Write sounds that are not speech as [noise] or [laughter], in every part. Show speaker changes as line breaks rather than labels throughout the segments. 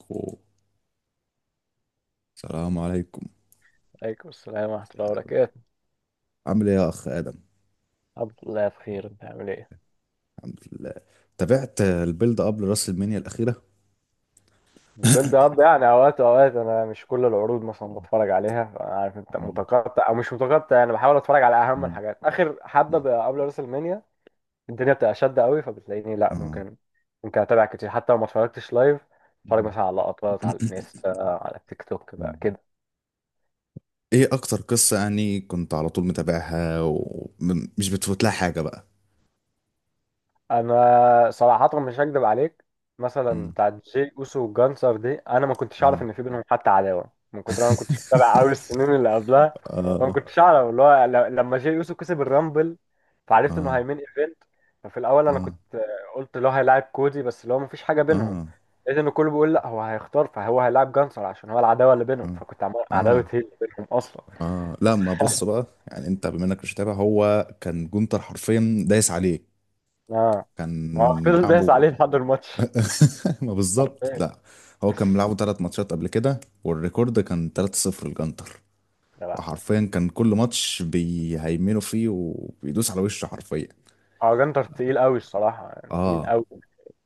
أخو. السلام عليكم.
عليكم السلام ورحمة الله وبركاته.
عامل ايه يا اخ ادم؟
الحمد لله بخير، انت عامل ايه؟
الحمد لله. تابعت البيلد اب لراس المنيا الاخيره؟
البيلد اب يعني اوقات انا مش كل العروض مثلا بتفرج عليها، انا عارف انت
مم.
متقطع او مش متقطع، انا بحاول اتفرج على اهم
مم.
الحاجات اخر حبة
مم.
بقى قبل راس المنيا. الدنيا بتبقى شادة قوي فبتلاقيني لا
اه.
ممكن اتابع كتير حتى لو ما اتفرجتش لايف. اتفرج
مم.
مثلا على لقطات على الانستا، على التيك توك بقى
مم.
كده.
ايه اكتر قصه يعني كنت على طول متابعها ومش بتفوت لها حاجه بقى؟
انا صراحه مش هكدب عليك، مثلا
مم.
بتاع جي اوسو وجانسر دي انا ما كنتش اعرف
اه
ان في بينهم حتى عداوه، من كتر ما أنا ما كنتش متابع قوي
[laughs]
السنين اللي قبلها. ما
اه.
كنتش اعرف اللي هو لما جي اوسو كسب الرامبل، فعرفت انه
اه.
هيمين ايفنت. ففي الاول انا
اه.
كنت قلت اللي هو هيلاعب كودي، بس اللي هو ما فيش حاجه بينهم.
اه.
لقيت ان كله بيقول لا، هو هيختار فهو هيلاعب جانسر عشان هو العداوه اللي بينهم،
اه.
فكنت عمال عداوه
اه.
هي اللي بينهم اصلا.
اه. لا ما بص بقى، يعني انت بما انك مش متابع، هو كان جونتر حرفيا دايس عليه.
اه، ما هو
كان
فضل دايس
لعبه.
عليه لحد الماتش
[laughs] ما بالظبط.
حرفيا.
لا هو كان بيلعبوا 3 ماتشات قبل كده، والريكورد كان 3-0 لجنتر.
يا لهوي.
وحرفيا كان كل ماتش بيهيمنوا فيه وبيدوس على وشه حرفيا.
اه، جنتر تقيل قوي الصراحة، يعني تقيل
اه.
قوي.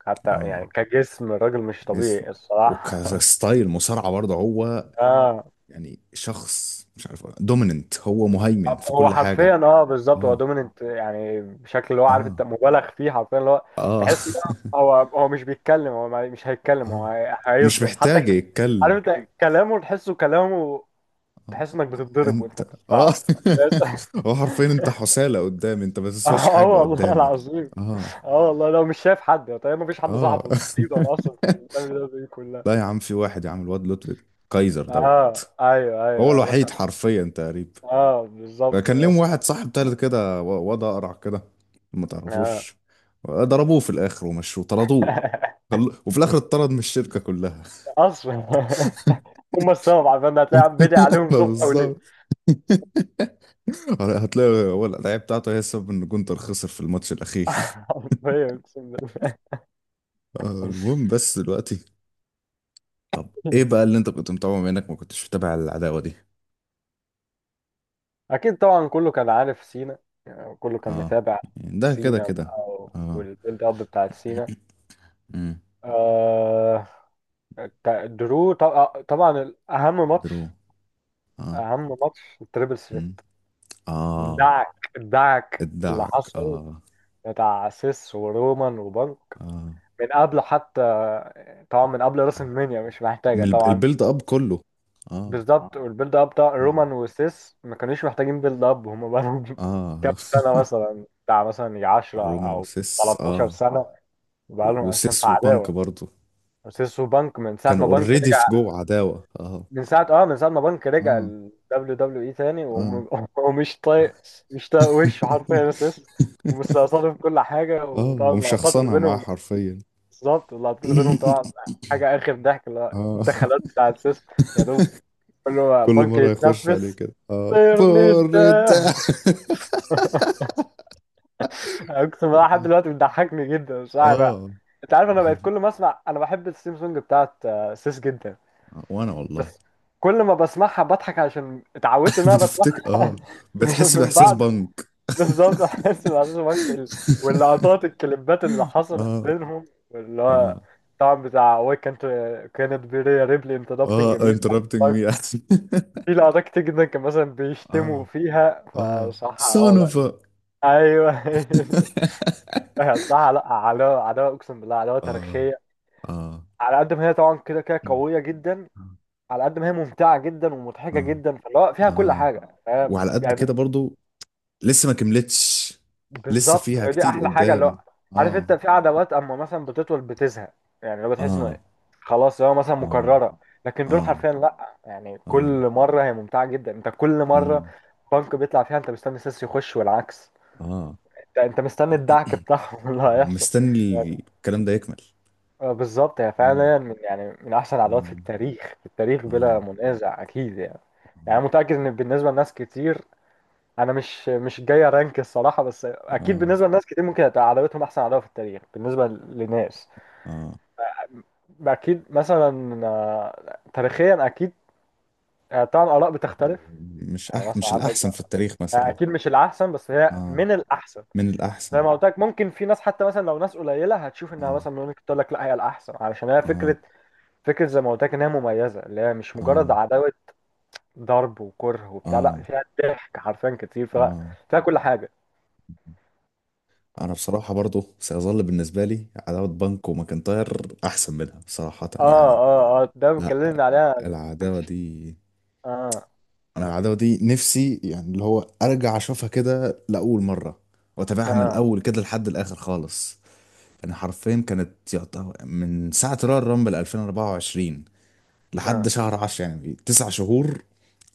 حتى
اه
يعني كجسم الراجل مش
جسم.
طبيعي الصراحة.
وكستايل مصارعة برضه هو،
[laughs] اه،
يعني شخص مش عارف، دوميننت، هو مهيمن في
هو
كل
حرفيا
حاجة.
اه بالظبط، هو
اه.
دوميننت يعني بشكل اللي هو عارف انت
اه.
مبالغ فيه حرفيا، اللي هو
اه.
تحس هو مش بيتكلم، هو مش
[laughs]
هيتكلم، هو
اه. مش
هيضرب حتى
محتاج يتكلم.
عارف انت كلامه، تحسه كلامه، تحس انك بتتضرب وانت
انت. اه.
بتسمعه أساساً.
[laughs] هو حرفيا انت حسالة قدامي، انت ما
[laughs]
تسواش
اه
حاجة
والله
قدامي.
العظيم.
اه.
اه والله، لو مش شايف حد طيب، ما فيش حد
اه.
صاحبه
[laughs]
تقريبا اصلا [laughs] في البلد دي كلها.
لا يا عم، في واحد يا عم، الواد لطفي، كايزر
اه
دوت.
ايوه
هو
ايوه، ما شاء
الوحيد حرفيا تقريبا.
الله. اه بالظبط،
كان ليهم
بس
واحد صاحب تالت كده واد اقرع كده، ما
اه
تعرفوش. ضربوه في الاخر ومشوه، طردوه.
[laughs]
وفي الاخر اتطرد من الشركة كلها.
اصلا هم السبب، عشان هتلاقي عم بدعي
[laughs]
عليهم
ما
صبح وليل.
بالظبط. [laughs] هتلاقي هو الدعاية بتاعته هي السبب ان جونتر خسر في الماتش الاخير.
[laughs] حرفيا اقسم بالله.
آه، المهم بس دلوقتي، طب ايه بقى اللي انت كنت متابعه بما انك ما كنتش متابع العداوة دي؟
اكيد طبعا، كله كان عارف سينا، يعني كله كان
اه،
متابع.
يعني ده كده
سينا
كده.
بقى
اه.
والبيلد اب بتاعت سينا،
امم.
آه، درو طبعا طبعاً اهم ماتش،
درو. اه.
اهم ماتش التريبل سري.
امم. اه.
دعك دعك اللي
ادعك
حصل
اه.
بتاع سيس ورومان وبنك
اه.
من قبل حتى، طبعا من قبل راس المنيا مش محتاجة طبعا.
البيلد اب كله. اه.
بالظبط اه، والبيلد اب بتاع
مم.
رومان وسيس ما كانوش محتاجين بيلد اب، هم بقالهم [laughs] كام
اه.
سنة
[laughs]
اه، مثلا بتاع مثلا يجي 10
رومان
أو
وسيس،
13
اه.
سنة بقالهم أساسا
وسيس
في
وبانك
عداوة.
برضو
وسيس وبنك من ساعة
كانوا
ما بنك
اوريدي في
رجع،
جوه عداوة، اه.
من ساعة اه من ساعة ما بنك رجع
اه.
ال WWE تاني
اه.
[laughs] ومش طايق، مش طايق وشه حرفيا سيس، ومستقصده في كل حاجة،
اه
وطبعا اللقطات اللي
ومشخصنها معاه
بينهم.
حرفيا.
بالظبط اللقطات اللي بينهم طبعا
[laughs]
حاجة آخر ضحك، اللي هو
اه.
الدخلات بتاع السيستم يا دوب كله
كل
بنك
مرة يخش عليه
يتنفس.
كده اه،
طيرني
بوريتا.
ده. [laughs] أقسم بالله لحد دلوقتي بتضحكني جدا، مش عارف بقى.
اه.
أنت عارف أنا
حرف.
بقيت كل ما أسمع، أنا بحب الثيم سونج بتاعت آه، سيس جدا
وانا والله.
بس، كل ما بسمعها بضحك عشان اتعودت
[laughs]
إن أنا
بتفتكر
بسمعها
اه، بتحس
[laughs] من
بإحساس
بعد.
بنك.
بالظبط احس بعشاش بنك واللقطات الكليبات اللي حصلت
اه.
بينهم، اللي هو
اه.
طبعا بتاع وي، كانت كانت بيريا ريبلي انتربتنج
اه.
مي.
interrupting me.
في لقطات كتير جدا، كان مثلا
[laughs]
بيشتموا
اه.
فيها
اه.
فصح،
son
اه
of
لا
a.
ايوه.
[laughs]
[laughs] صح، لا، عداوه عداوه اقسم بالله، عداوه
اه.
تاريخيه.
اه.
على قد ما هي طبعا كده كده قويه جدا، على قد ما هي ممتعه جدا ومضحكه
اه.
جدا، فاللي هو فيها كل
اه.
حاجه، فاهم؟
وعلى قد كده
يعني
برضو لسه ما كملتش، لسه فيها
بالظبط دي
كتير
احلى حاجه. اللي هو
قدام.
عارف انت
اه.
في عدوات اما مثلا بتطول بتزهق، يعني لو بتحس انه
اه.
خلاص هو مثلا
اه.
مكرره، لكن دول
اه.
حرفيا لا، يعني
اه.
كل مره هي ممتعه جدا. انت كل مره
مم.
بنك بيطلع فيها انت مستني سيس يخش، والعكس.
اه
انت انت مستني الدعك بتاعهم [laughs] اللي هيحصل
مستني
يعني.
الكلام ده يكمل.
آه، بالظبط، هي
آه.
فعلا من يعني من احسن العدوات في
آه.
التاريخ، في التاريخ بلا
آه.
منازع اكيد يعني. يعني متاكد ان بالنسبه لناس كتير، انا مش مش جاي ارانك الصراحه، بس اكيد
آه.
بالنسبه لناس كتير ممكن هتبقى عداوتهم احسن عداوه في التاريخ بالنسبه لناس.
آه
اكيد مثلا آه، تاريخيا اكيد. آه، طبعا الاراء بتختلف،
مش
يعني
أح
مثلا
مش
عندك
الأحسن في التاريخ
آه،
مثلا.
اكيد مش الاحسن بس هي
آه
من الاحسن.
من الأحسن.
زي ما قلت لك، ممكن في ناس حتى مثلا لو ناس قليله هتشوف انها
آه.
مثلا ممكن تقول لك لا، هي الاحسن، علشان هي
آه.
فكره، فكره زي ما قلت لك انها مميزه، اللي هي مش مجرد
آه.
عداوه ضرب وكره وبتاع،
آه.
لا فيها ضحك حرفيا كتير، فيها
آه.
فيها كل حاجه.
أنا بصراحة برضو سيظل بالنسبة لي عداوة بانكو وماكنتاير أحسن منها صراحة
اه
يعني.
اه، اه ده
لا
اتكلمنا عليها. كنت
العداوة دي،
اه
أنا العداوة دي نفسي، يعني اللي هو أرجع أشوفها كده لأول مرة وأتابعها من
اه
الأول كده لحد الآخر خالص. يعني حرفيا كانت يعتبر من ساعة رويال رامبل 2024 لحد
اه
شهر 10، يعني 9 شهور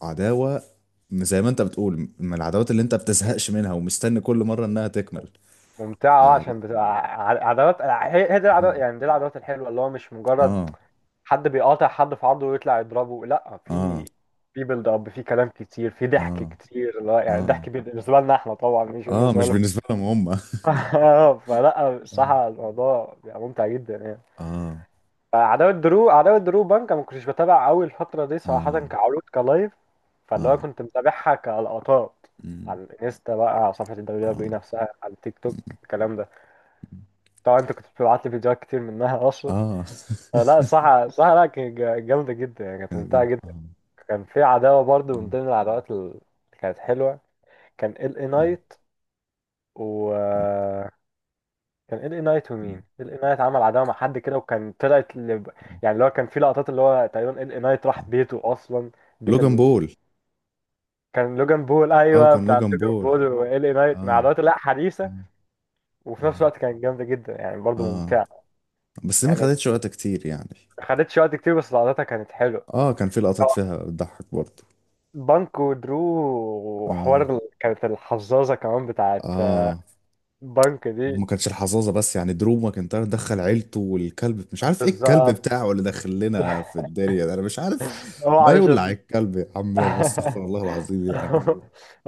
عداوة. زي ما انت بتقول، من العداوات اللي انت بتزهقش منها ومستني كل مرة انها تكمل.
ممتعة اه،
فلا.
عشان بتبقى عداوات، هي هي دي العداوات،
اه.
يعني دي العداوات الحلوة اللي هو مش مجرد
اه.
حد بيقاطع حد في عرضه ويطلع يضربه. لا، في
اه.
في بيلد اب، في كلام كتير، في ضحك
اه.
كتير، لا يعني
اه.
ضحك بالنسبة لنا احنا طبعا، مش
اه
بالنسبة
مش
لهم.
بالنسبة لهم، هم اه.
[laughs] فلا الصراحة، الموضوع بيبقى ممتع جدا يعني.
اه.
فعداوة درو، عداوة درو بانك، ما كنتش بتابع قوي الفترة دي صراحة
اه.
كعروض كلايف، فاللي هو
اه.
كنت متابعها كلقطات
مم.
على الانستا بقى، على صفحة الدبليو
اه.
دبليو نفسها، على التيك توك الكلام ده.
مم.
طبعا انت كنت بتبعت لي فيديوهات كتير منها اصلا.
اه.
آه، لا الصراحة، الصراحة لا كانت جامدة جدا، يعني
[laughs]
كانت
كانت
ممتعة
جامدة
جدا.
اه.
كان في عداوة برضو من
مم.
ضمن العداوات اللي كانت حلوة، كان ال اي
مم.
نايت و كان ال اي نايت،
مم.
ومين ال اي نايت عمل عداوه مع حد كده، وكان طلعت ل... يعني اللي هو كان في لقطات اللي هو تقريبا ال اي نايت راح بيته اصلا، بيت
لوجان
ال...
بول.
كان لوجان بول،
اه
ايوه
كان
بتاع
لوجان
لوجان
بول.
بول، وال اي نايت مع
اه.
الوقت لا حديثه.
اه.
وفي نفس
اه.
الوقت كانت جامده جدا يعني، برضه
آه.
ممتعه
بس ما
يعني.
خدتش وقت كتير يعني.
ما خدتش وقت كتير بس لقطاتها كانت حلوه.
اه كان في لقطات فيها بتضحك برضه.
بانك ودرو، وحوار
اه.
كانت الحظاظه كمان بتاعت
اه.
بانك دي.
وما كانش الحظاظه بس، يعني دروب ماكنتاير دخل عيلته، والكلب مش عارف ايه، الكلب
بالظبط،
بتاعه اللي دخل لنا في الدنيا ده انا مش عارف.
هو
ما يولع
علشان
الكلب يا عم لما،
[laughs]
استغفر الله العظيم يعني.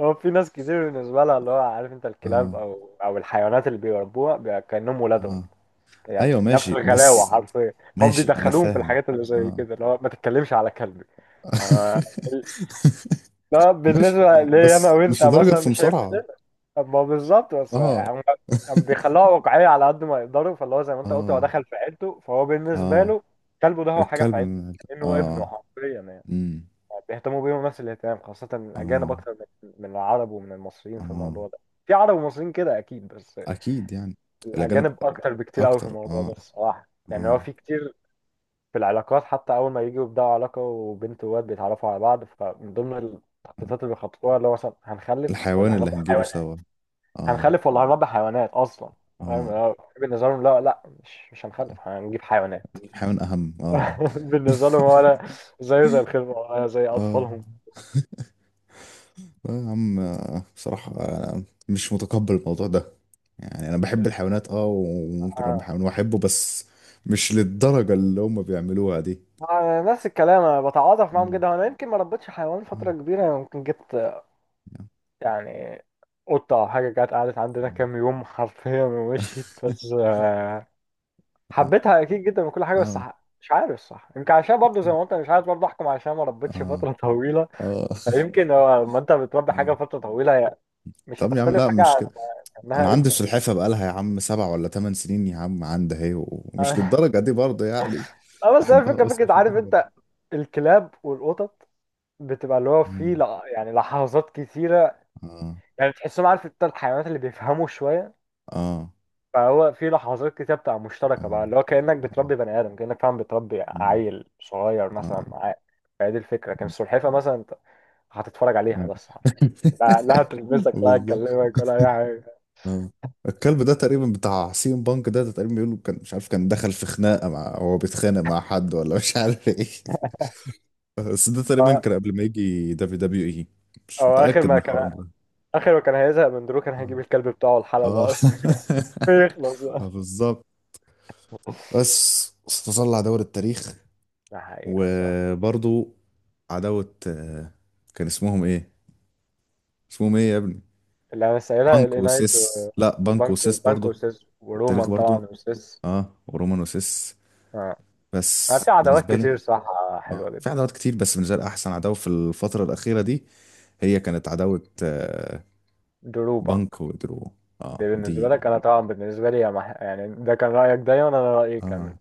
هو في ناس كتير بالنسبة لها اللي هو عارف انت الكلاب
اه.
او او الحيوانات اللي بيربوها كأنهم ولادهم،
اه.
يعني
ايوه
نفس
ماشي.
الغلاوة [laughs]
بس
حرفيا. هم
ماشي انا
بيدخلوهم في
فاهم.
الحاجات اللي زي
اه.
كده، اللي هو ما تتكلمش على كلبي. ما-
[laughs]
لا،
ماشي يا
بالنسبة
عم،
لي انا
بس
وانت
مش لدرجه في
مثلا شايف،
مصارعه.
ما بالظبط، بس
اه.
هم هم بيخلوها واقعية على قد ما يقدروا، فاللي هو زي ما
[laughs]
انت قلت هو
اه.
دخل في عيلته، فهو بالنسبة
اه.
له كلبه ده هو حاجة في عيلته، كأنه ابنه
اه.
حرفيا يعني.
امم.
بيهتموا بيهم نفس الاهتمام، خاصة الأجانب
اه.
أكتر من من العرب ومن المصريين في
اه.
الموضوع ده. في عرب ومصريين كده أكيد، بس
اكيد يعني. الاجانب
الأجانب أكتر بكتير أوي في
اكتر
الموضوع ده
اه.
الصراحة. يعني هو
اه.
في كتير في العلاقات حتى، أول ما يجوا يبدأوا علاقة وبنت وواد بيتعرفوا على بعض، فمن ضمن التخطيطات اللي بيخططوها اللي هو مثلا هنخلف
الحيوان
ولا
اللي
هنربي
هنجيبه
حيوانات،
سوا. اه.
هنخلف ولا هنربي حيوانات أصلا. فاهم،
اه.
هو بالنسبة لهم لا لا، مش مش هنخلف، هنجيب حيوانات.
الحيوان اهم اه.
[laughs] بالنسبة لهم
[laughs]
ولا زيه زي الخلفة، ولا زي
اه.
أطفالهم.
آه يا عم، آه، بصراحة أنا مش متقبل الموضوع ده. يعني أنا بحب الحيوانات اه، وممكن أربي
آه.
حيوان وأحبه، بس مش للدرجة اللي هما بيعملوها دي.
آه، نفس الكلام، انا بتعاطف معاهم
مم.
جدا، انا يمكن ما ربيتش حيوان
اه.
فتره كبيره، أنا ممكن جبت
يا.
يعني قطه او حاجه، جت قعدت عندنا
مم.
كام يوم حرفيا ومشيت، بس
[laughs]
آه،
اه.
حبيتها اكيد جدا وكل حاجه، بس
اه.
مش عارف صح، يمكن عشان برضه زي ما قلت أنا مش عارف برضه احكم عشان ما ربيتش
اه.
فتره [laughs] طويله.
آه. [laughs]
فيمكن هو لما انت بتربي
آه.
حاجه فتره طويله، هي مش
طب يا عم
هتختلف
لا
حاجه
مش
عن
كده، انا
انها
عندي
ابنك.
سلحفه بقالها يا عم 7 ولا 8 سنين يا عم، عندي اهي،
[laughs]
ومش
اه
للدرجه دي برضه يعني.
آه، بس هي
بحبها
الفكره،
بس
فكره
مش
عارف
للدرجه دي.
انت، الكلاب والقطط بتبقى اللي هو
اه.
في يعني لحظات كتيرة،
اه.
يعني تحسهم عارف انت الحيوانات اللي بيفهموا شوية،
اه.
فهو في لحظات كتير بتبقى مشتركة
اه.
بقى، اللي هو كأنك
اه.
بتربي بني آدم، كأنك فعلا بتربي
مم.
عيل صغير
اه.
مثلا معاك. فهي دي الفكرة، كان السلحفاة مثلا انت هتتفرج عليها
نعم.
بس، لا لا هتلمسك، لا
بالظبط.
هتكلمك ولا أي حاجة.
اه. الكلب ده تقريبا بتاع سيم بانك ده، ده تقريبا بيقولوا كان مش عارف، كان دخل في خناقه مع، هو بيتخانق مع حد ولا مش عارف ايه، بس ده تقريبا
هو
كان قبل ما يجي دبليو دبليو اي، مش
هو آخر
متاكد من
ما كان،
الحوار ده.
آخر ما كان هيزهق من درو كان هيجيب الكلب بتاعه
اه. آه.
الحلبة أصلا [laughs] يخلص
[laughs]
بقى.
بالظبط. بس استظل عداوة التاريخ.
ده حقيقة الصراحة.
وبرضو عداوة آه، كان اسمهم ايه؟ اسمهم ايه يا ابني؟
اللي أنا سائلها
بانكو
الإنايت
وسيس،
و-
لا بانكو
وبانكو،
وسيس
بانكو
برضو.
وسيس
التاريخ
ورومان
برضو.
طبعا وسيس.
اه، ورومان وسيس.
آه. ما
بس
في عداوات
بالنسبة لي،
كتير صح، حلوة
اه، في
جدا.
عداوات كتير بس بالنسبة لي أحسن عداوة في الفترة الأخيرة دي هي كانت عداوة آه،
درو بنك
بانكو ودرو.
دي
اه
بالنسبة
دي.
لك، أنا طبعا بالنسبة لي يا مح... يعني ده كان رأيك دايما، أنا رأيي كان
اه.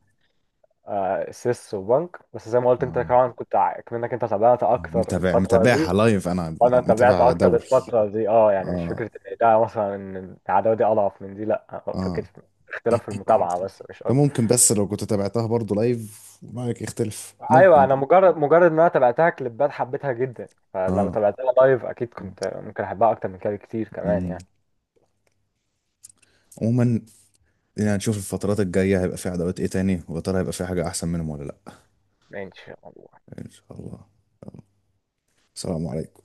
آه سيس وبنك، بس زي ما قلت أنت
اه.
طبعا كنت كأنك أنت تابعت
آه،
أكتر
متابع،
الفترة
متابعها
دي،
لايف، أنا
وأنا تابعت
متابع
أكتر
دوري.
الفترة دي أه، يعني مش
اه.
فكرة إن ده مثلا إن العداوة دي أضعف من دي، لأ فكرة
اه.
اختلاف في المتابعة بس مش
ده
أكتر.
ممكن، بس لو كنت تابعتها برضه لايف رأيك يختلف
أيوة،
ممكن
أنا
بقى.
مجرد مجرد إن أنا تابعتها كليبات حبيتها جدا، فلو
اه.
تابعتها لايف أكيد كنت ممكن أحبها أكتر من كده بكتير كمان
امم.
يعني.
عموما، يعني نشوف الفترات الجاية هيبقى في عداوات ايه تاني، ويا ترى هيبقى في حاجة احسن منهم ولا لا.
ماشي والله.
ان شاء الله. السلام عليكم.